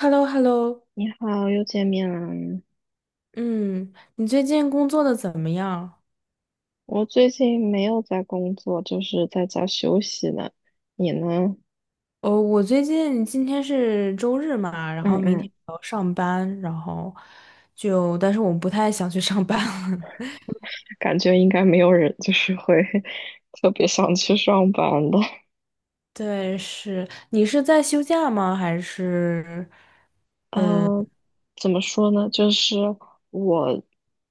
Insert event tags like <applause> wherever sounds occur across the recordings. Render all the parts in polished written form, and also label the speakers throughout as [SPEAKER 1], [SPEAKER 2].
[SPEAKER 1] h e l l o h e l l o
[SPEAKER 2] 你好，又见面了。
[SPEAKER 1] 嗯，你最近工作的怎么样？
[SPEAKER 2] 我最近没有在工作，就是在家休息呢。你呢？
[SPEAKER 1] 哦，我最近今天是周日嘛，然
[SPEAKER 2] 嗯
[SPEAKER 1] 后明天
[SPEAKER 2] 嗯，
[SPEAKER 1] 还要上班，然后但是我不太想去上班了。
[SPEAKER 2] 感觉应该没有人就是会 <laughs> 特别想去上班的。
[SPEAKER 1] <laughs> 对，是，你是在休假吗？还是？
[SPEAKER 2] 呃，怎么说呢？就是我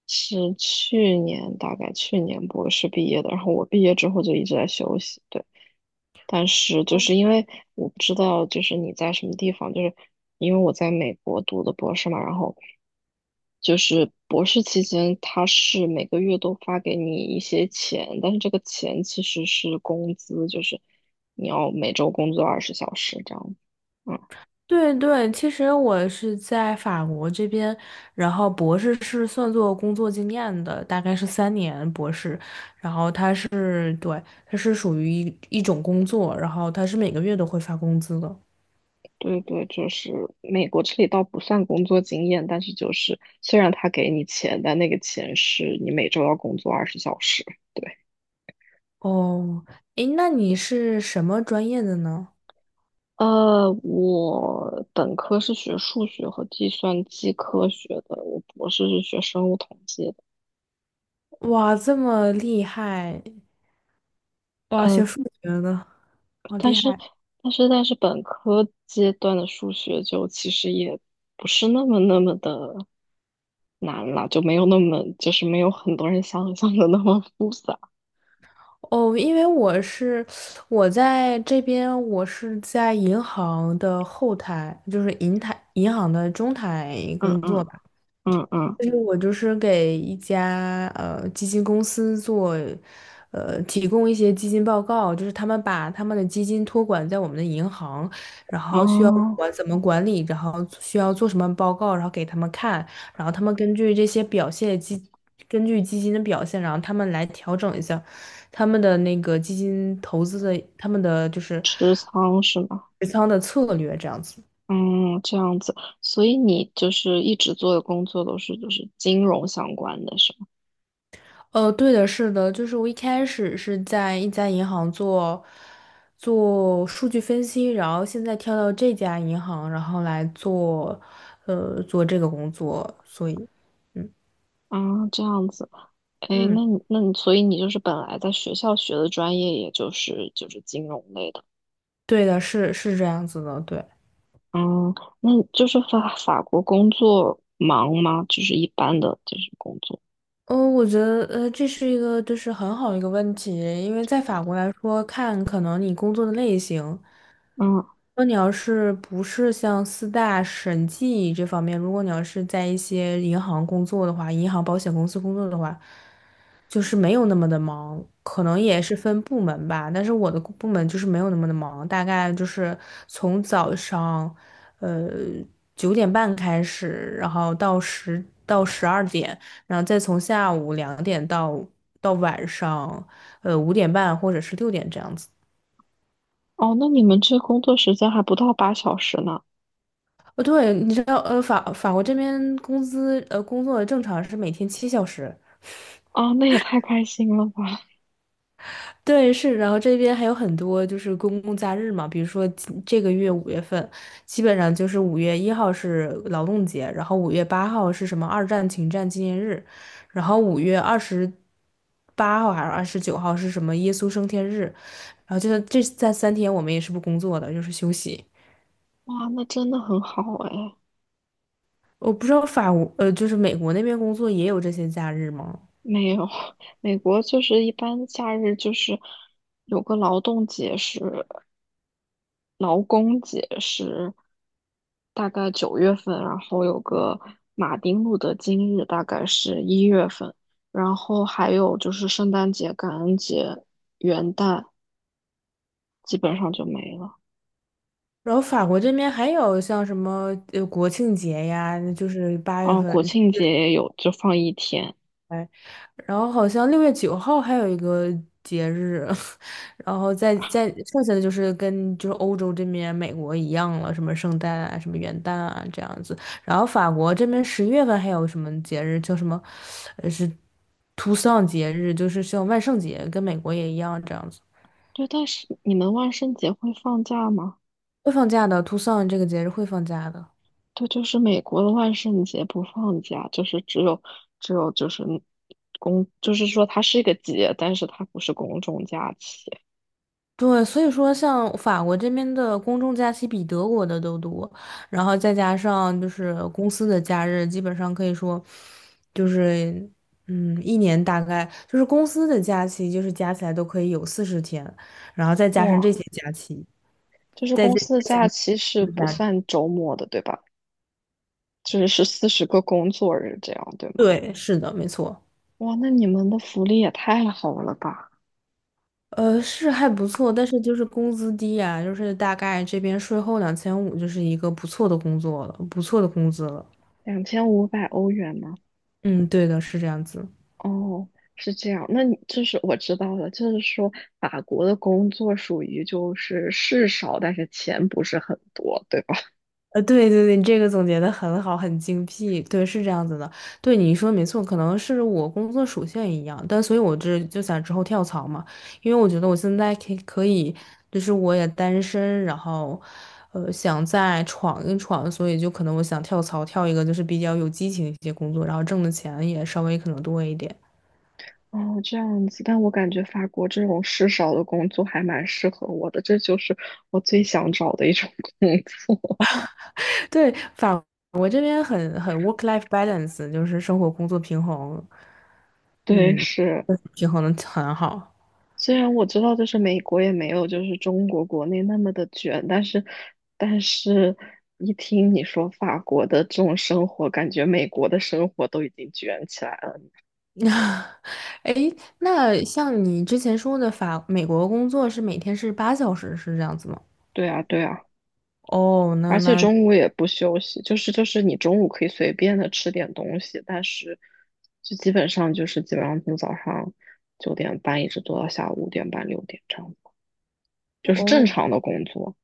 [SPEAKER 2] 是去年，大概去年博士毕业的，然后我毕业之后就一直在休息，对。但是就是因为我不知道，就是你在什么地方，就是因为我在美国读的博士嘛，然后就是博士期间，他是每个月都发给你一些钱，但是这个钱其实是工资，就是你要每周工作二十小时这样。嗯。
[SPEAKER 1] 对对，其实我是在法国这边，然后博士是算作工作经验的，大概是三年博士。他是，对，他是属于一种工作，然后他是每个月都会发工资的。
[SPEAKER 2] 对对，就是美国这里倒不算工作经验，但是就是虽然他给你钱，但那个钱是你每周要工作二十小时。对，
[SPEAKER 1] 哦，诶，那你是什么专业的呢？
[SPEAKER 2] 我本科是学数学和计算机科学的，我博士是学生物统计的。
[SPEAKER 1] 哇，这么厉害！哇，
[SPEAKER 2] 呃，
[SPEAKER 1] 学数学的，好
[SPEAKER 2] 但
[SPEAKER 1] 厉害！
[SPEAKER 2] 是本科阶段的数学就其实也不是那么的难了，就没有那么就是没有很多人想象的那么复杂。
[SPEAKER 1] 哦，因为我在这边，我是在银行的后台，就是银行的中台
[SPEAKER 2] 嗯
[SPEAKER 1] 工
[SPEAKER 2] 嗯
[SPEAKER 1] 作吧。
[SPEAKER 2] 嗯嗯，
[SPEAKER 1] 就是我就是给一家基金公司做，提供一些基金报告，就是他们把他们的基金托管在我们的银行，然后需要
[SPEAKER 2] 哦。
[SPEAKER 1] 怎么管理，然后需要做什么报告，然后给他们看，然后他们根据这些表现根据基金的表现，然后他们来调整一下他们的那个基金投资的他们的就是
[SPEAKER 2] 持仓是吗？
[SPEAKER 1] 持仓的策略这样子。
[SPEAKER 2] 嗯，这样子，所以你就是一直做的工作都是就是金融相关的，是吗？
[SPEAKER 1] 对的，是的，就是我一开始是在一家银行做数据分析，然后现在跳到这家银行，然后来做这个工作，所以嗯
[SPEAKER 2] 啊，这样子，哎，
[SPEAKER 1] 嗯，
[SPEAKER 2] 那你，所以你就是本来在学校学的专业，也就是就是金融类的，
[SPEAKER 1] 对的，是这样子的，对。
[SPEAKER 2] 嗯，那就是法国工作忙吗？就是一般的就是工作，
[SPEAKER 1] 哦，我觉得这是一个就是很好一个问题，因为在法国来说，可能你工作的类型。
[SPEAKER 2] 嗯，
[SPEAKER 1] 如果你要是不是像四大审计这方面，如果你要是在一些银行工作的话，银行、保险公司工作的话，就是没有那么的忙，可能也是分部门吧。但是我的部门就是没有那么的忙，大概就是从早上，呃，9点半开始，然后到12点，然后再从下午2点到晚上，5点半或者是6点这样子。
[SPEAKER 2] 哦，那你们这工作时间还不到八小时呢，
[SPEAKER 1] 哦，对，你知道，法国这边工作正常是每天7小时，
[SPEAKER 2] 啊，那也太开心了吧，
[SPEAKER 1] 对，是，然后这边还有很多就是公共假日嘛，比如说这个月5月份，基本上就是5月1号是劳动节，然后5月8号是什么二战停战纪念日，然后5月28号还是29号是什么耶稣升天日，然后就是这三天我们也是不工作的，就是休息。
[SPEAKER 2] 哇，那真的很好哎。
[SPEAKER 1] 我不知道就是美国那边工作也有这些假日吗？
[SPEAKER 2] 没有，<laughs> 美国就是一般假日就是有个劳动节是劳工节是大概9月份，然后有个马丁路德金日大概是1月份，然后还有就是圣诞节、感恩节、元旦基本上就没了。
[SPEAKER 1] 然后法国这边还有像什么国庆节呀，就是八月
[SPEAKER 2] 哦，
[SPEAKER 1] 份，
[SPEAKER 2] 国庆节也有，就放一天。
[SPEAKER 1] 哎，然后好像6月9号还有一个节日，<laughs> 然后再剩下的就是跟就是欧洲这边美国一样了，什么圣诞啊，什么元旦啊这样子。然后法国这边10月份还有什么节日叫什么，是图桑节日，就是像万圣节，跟美国也一样这样子。
[SPEAKER 2] 对，但是你们万圣节会放假吗？
[SPEAKER 1] 会放假的，图桑这个节日会放假的。
[SPEAKER 2] 对，就是美国的万圣节不放假，就是只有就是公，就是说它是一个节，但是它不是公众假期。
[SPEAKER 1] 对，所以说像法国这边的公众假期比德国的都多，然后再加上就是公司的假日，基本上可以说就是一年大概就是公司的假期就是加起来都可以有40天，然后再加上这
[SPEAKER 2] 哇，
[SPEAKER 1] 些假期，
[SPEAKER 2] 就是
[SPEAKER 1] 再
[SPEAKER 2] 公
[SPEAKER 1] 加
[SPEAKER 2] 司的
[SPEAKER 1] 再加
[SPEAKER 2] 假
[SPEAKER 1] 上
[SPEAKER 2] 期是
[SPEAKER 1] 这些
[SPEAKER 2] 不
[SPEAKER 1] 假日，
[SPEAKER 2] 算周末的，对吧？就是是40个工作日这样，对吗？
[SPEAKER 1] 对，是的，没错。
[SPEAKER 2] 哇，那你们的福利也太好了吧？
[SPEAKER 1] 是还不错，但是就是工资低啊，就是大概这边税后2500，就是一个不错的工作了，不错的工资了。
[SPEAKER 2] 2500欧元吗？
[SPEAKER 1] 嗯，对的，是这样子。
[SPEAKER 2] 哦，是这样。那你就是我知道了，就是说法国的工作属于就是事少，但是钱不是很多，对吧？
[SPEAKER 1] 对对对，你这个总结的很好，很精辟，对，是这样子的，对，你说没错，可能是我工作属性一样，但所以我这就想之后跳槽嘛，因为我觉得我现在可以，就是我也单身，然后，想再闯一闯，所以就可能我想跳槽，跳一个就是比较有激情一些工作，然后挣的钱也稍微可能多一点。
[SPEAKER 2] 哦，这样子，但我感觉法国这种事少的工作还蛮适合我的，这就是我最想找的一种 <laughs> 工作。
[SPEAKER 1] 对，法我这边很 work-life balance，就是生活工作平衡，
[SPEAKER 2] <laughs> 对，
[SPEAKER 1] 嗯，
[SPEAKER 2] 是，
[SPEAKER 1] 平衡的很好。
[SPEAKER 2] 虽然我知道就是美国也没有就是中国国内那么的卷，但是，但是一听你说法国的这种生活，感觉美国的生活都已经卷起来了。
[SPEAKER 1] <laughs> 那，哎那像你之前说的美国工作是每天是8小时，是这样子吗？
[SPEAKER 2] 对啊，对啊。
[SPEAKER 1] 哦，那
[SPEAKER 2] 而且
[SPEAKER 1] 那
[SPEAKER 2] 中午也不休息，就是你中午可以随便的吃点东西，但是就基本上就是基本上从早上9点半一直做到下午5点半6点这样子，就是正
[SPEAKER 1] 哦，
[SPEAKER 2] 常的工作。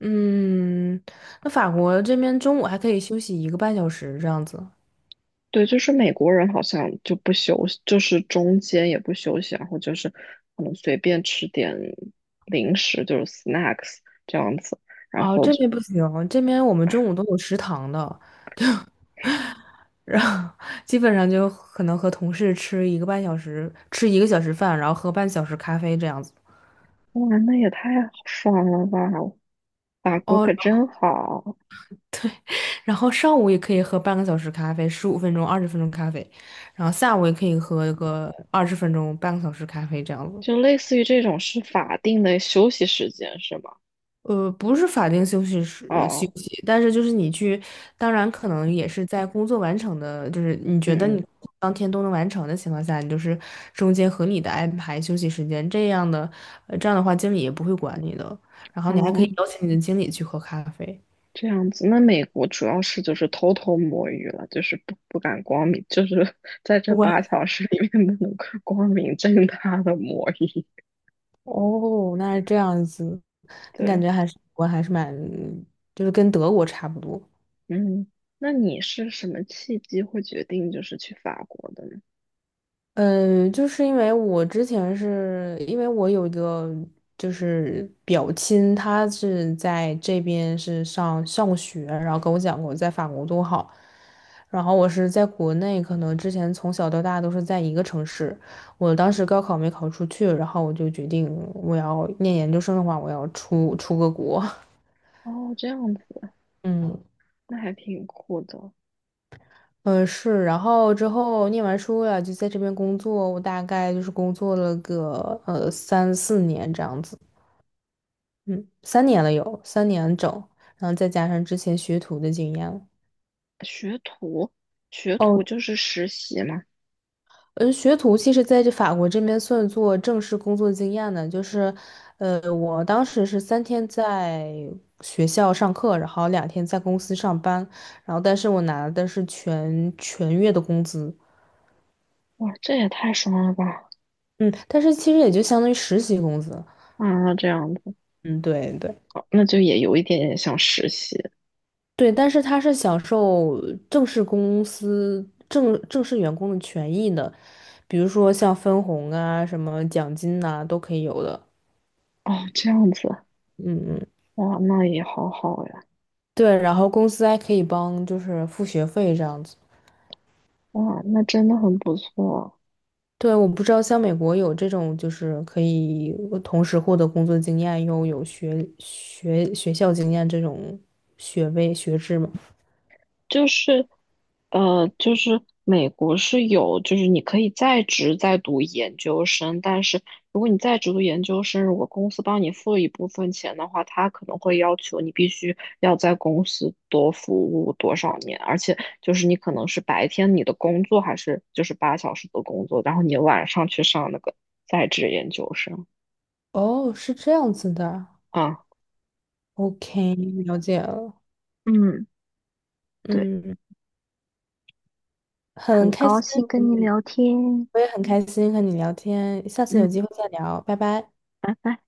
[SPEAKER 1] 嗯，那法国这边中午还可以休息一个半小时这样子。
[SPEAKER 2] 对，就是美国人好像就不休息，就是中间也不休息，然后就是可能随便吃点零食，就是 snacks 这样子，然
[SPEAKER 1] 哦，
[SPEAKER 2] 后
[SPEAKER 1] 这
[SPEAKER 2] 就
[SPEAKER 1] 边不行，这边我们中午都有食堂的，然后基本上就可能和同事吃一个半小时，吃1个小时饭，然后喝半小时咖啡这样子。
[SPEAKER 2] 哇，那也太爽了吧！法国
[SPEAKER 1] 哦，
[SPEAKER 2] 可真好。
[SPEAKER 1] 然后上午也可以喝半个小时咖啡，15分钟、二十分钟咖啡，然后下午也可以喝个二十分钟、半个小时咖啡这样子。
[SPEAKER 2] 就类似于这种是法定的休息时间是吗？
[SPEAKER 1] 不是法定休息时
[SPEAKER 2] 哦，
[SPEAKER 1] 呃休
[SPEAKER 2] 哦，
[SPEAKER 1] 息，但是就是你去，当然可能也是在工作完成的，就是你觉得
[SPEAKER 2] 嗯
[SPEAKER 1] 你当天都能完成的情况下，你就是中间合理的安排休息时间，这样的，这样的话经理也不会管你的，然后
[SPEAKER 2] 嗯，
[SPEAKER 1] 你还可
[SPEAKER 2] 哦，
[SPEAKER 1] 以邀请你的经理去喝咖啡。
[SPEAKER 2] 这样子。那美国主要是就是偷偷摸鱼了，就是不敢光明，就是 <laughs> 在这8小时里面不能够光明正大的摸鱼。
[SPEAKER 1] 哦，那是这样子，那感
[SPEAKER 2] 对，
[SPEAKER 1] 觉我还是蛮，就是跟德国差不多。
[SPEAKER 2] 嗯，那你是什么契机会决定就是去法国的呢？
[SPEAKER 1] 嗯，就是因为我有一个就是表亲，他是在这边是上学，然后跟我讲过在法国多好。然后我是在国内，可能之前从小到大都是在一个城市。我当时高考没考出去，然后我就决定我要念研究生的话，我要出个国。
[SPEAKER 2] 哦，这样子，
[SPEAKER 1] <laughs> 嗯。
[SPEAKER 2] 那还挺酷的。
[SPEAKER 1] 嗯，是，然后之后念完书了，就在这边工作，我大概就是工作了个3、4年这样子，嗯，三年了有，三年整，然后再加上之前学徒的经验了
[SPEAKER 2] 学徒，学徒
[SPEAKER 1] 哦，
[SPEAKER 2] 就是实习嘛。
[SPEAKER 1] 嗯，学徒其实在这法国这边算作正式工作经验的，就是，我当时是三天在学校上课，然后2天在公司上班，然后但是我拿的是全月的工资，
[SPEAKER 2] 哇，这也太爽了吧！
[SPEAKER 1] 嗯，但是其实也就相当于实习工资，
[SPEAKER 2] 啊，这样子。
[SPEAKER 1] 嗯，对对。
[SPEAKER 2] 好那就也有一点点像实习
[SPEAKER 1] 对，但是他是享受正式公司正正式员工的权益的，比如说像分红啊、什么奖金呐、都可以有的。
[SPEAKER 2] 哦，这样子，
[SPEAKER 1] 嗯嗯，
[SPEAKER 2] 哇，那也好好呀，
[SPEAKER 1] 对，然后公司还可以帮就是付学费这样子。
[SPEAKER 2] 哇，那真的很不错。
[SPEAKER 1] 对，我不知道像美国有这种就是可以同时获得工作经验又有学校经验这种学位学制吗？
[SPEAKER 2] 就是，就是美国是有，就是你可以在职在读研究生，但是如果你在职读研究生，如果公司帮你付一部分钱的话，他可能会要求你必须要在公司多服务多少年，而且就是你可能是白天你的工作还是就是八小时的工作，然后你晚上去上那个在职研究生。
[SPEAKER 1] 哦，是这样子的啊。
[SPEAKER 2] 啊，
[SPEAKER 1] OK，了解了。
[SPEAKER 2] 嗯，对，
[SPEAKER 1] 嗯，很
[SPEAKER 2] 很
[SPEAKER 1] 开心。
[SPEAKER 2] 高兴跟你聊天，
[SPEAKER 1] 我也很开心和你聊天，下次
[SPEAKER 2] 嗯，
[SPEAKER 1] 有机会再聊，拜拜。
[SPEAKER 2] 拜拜。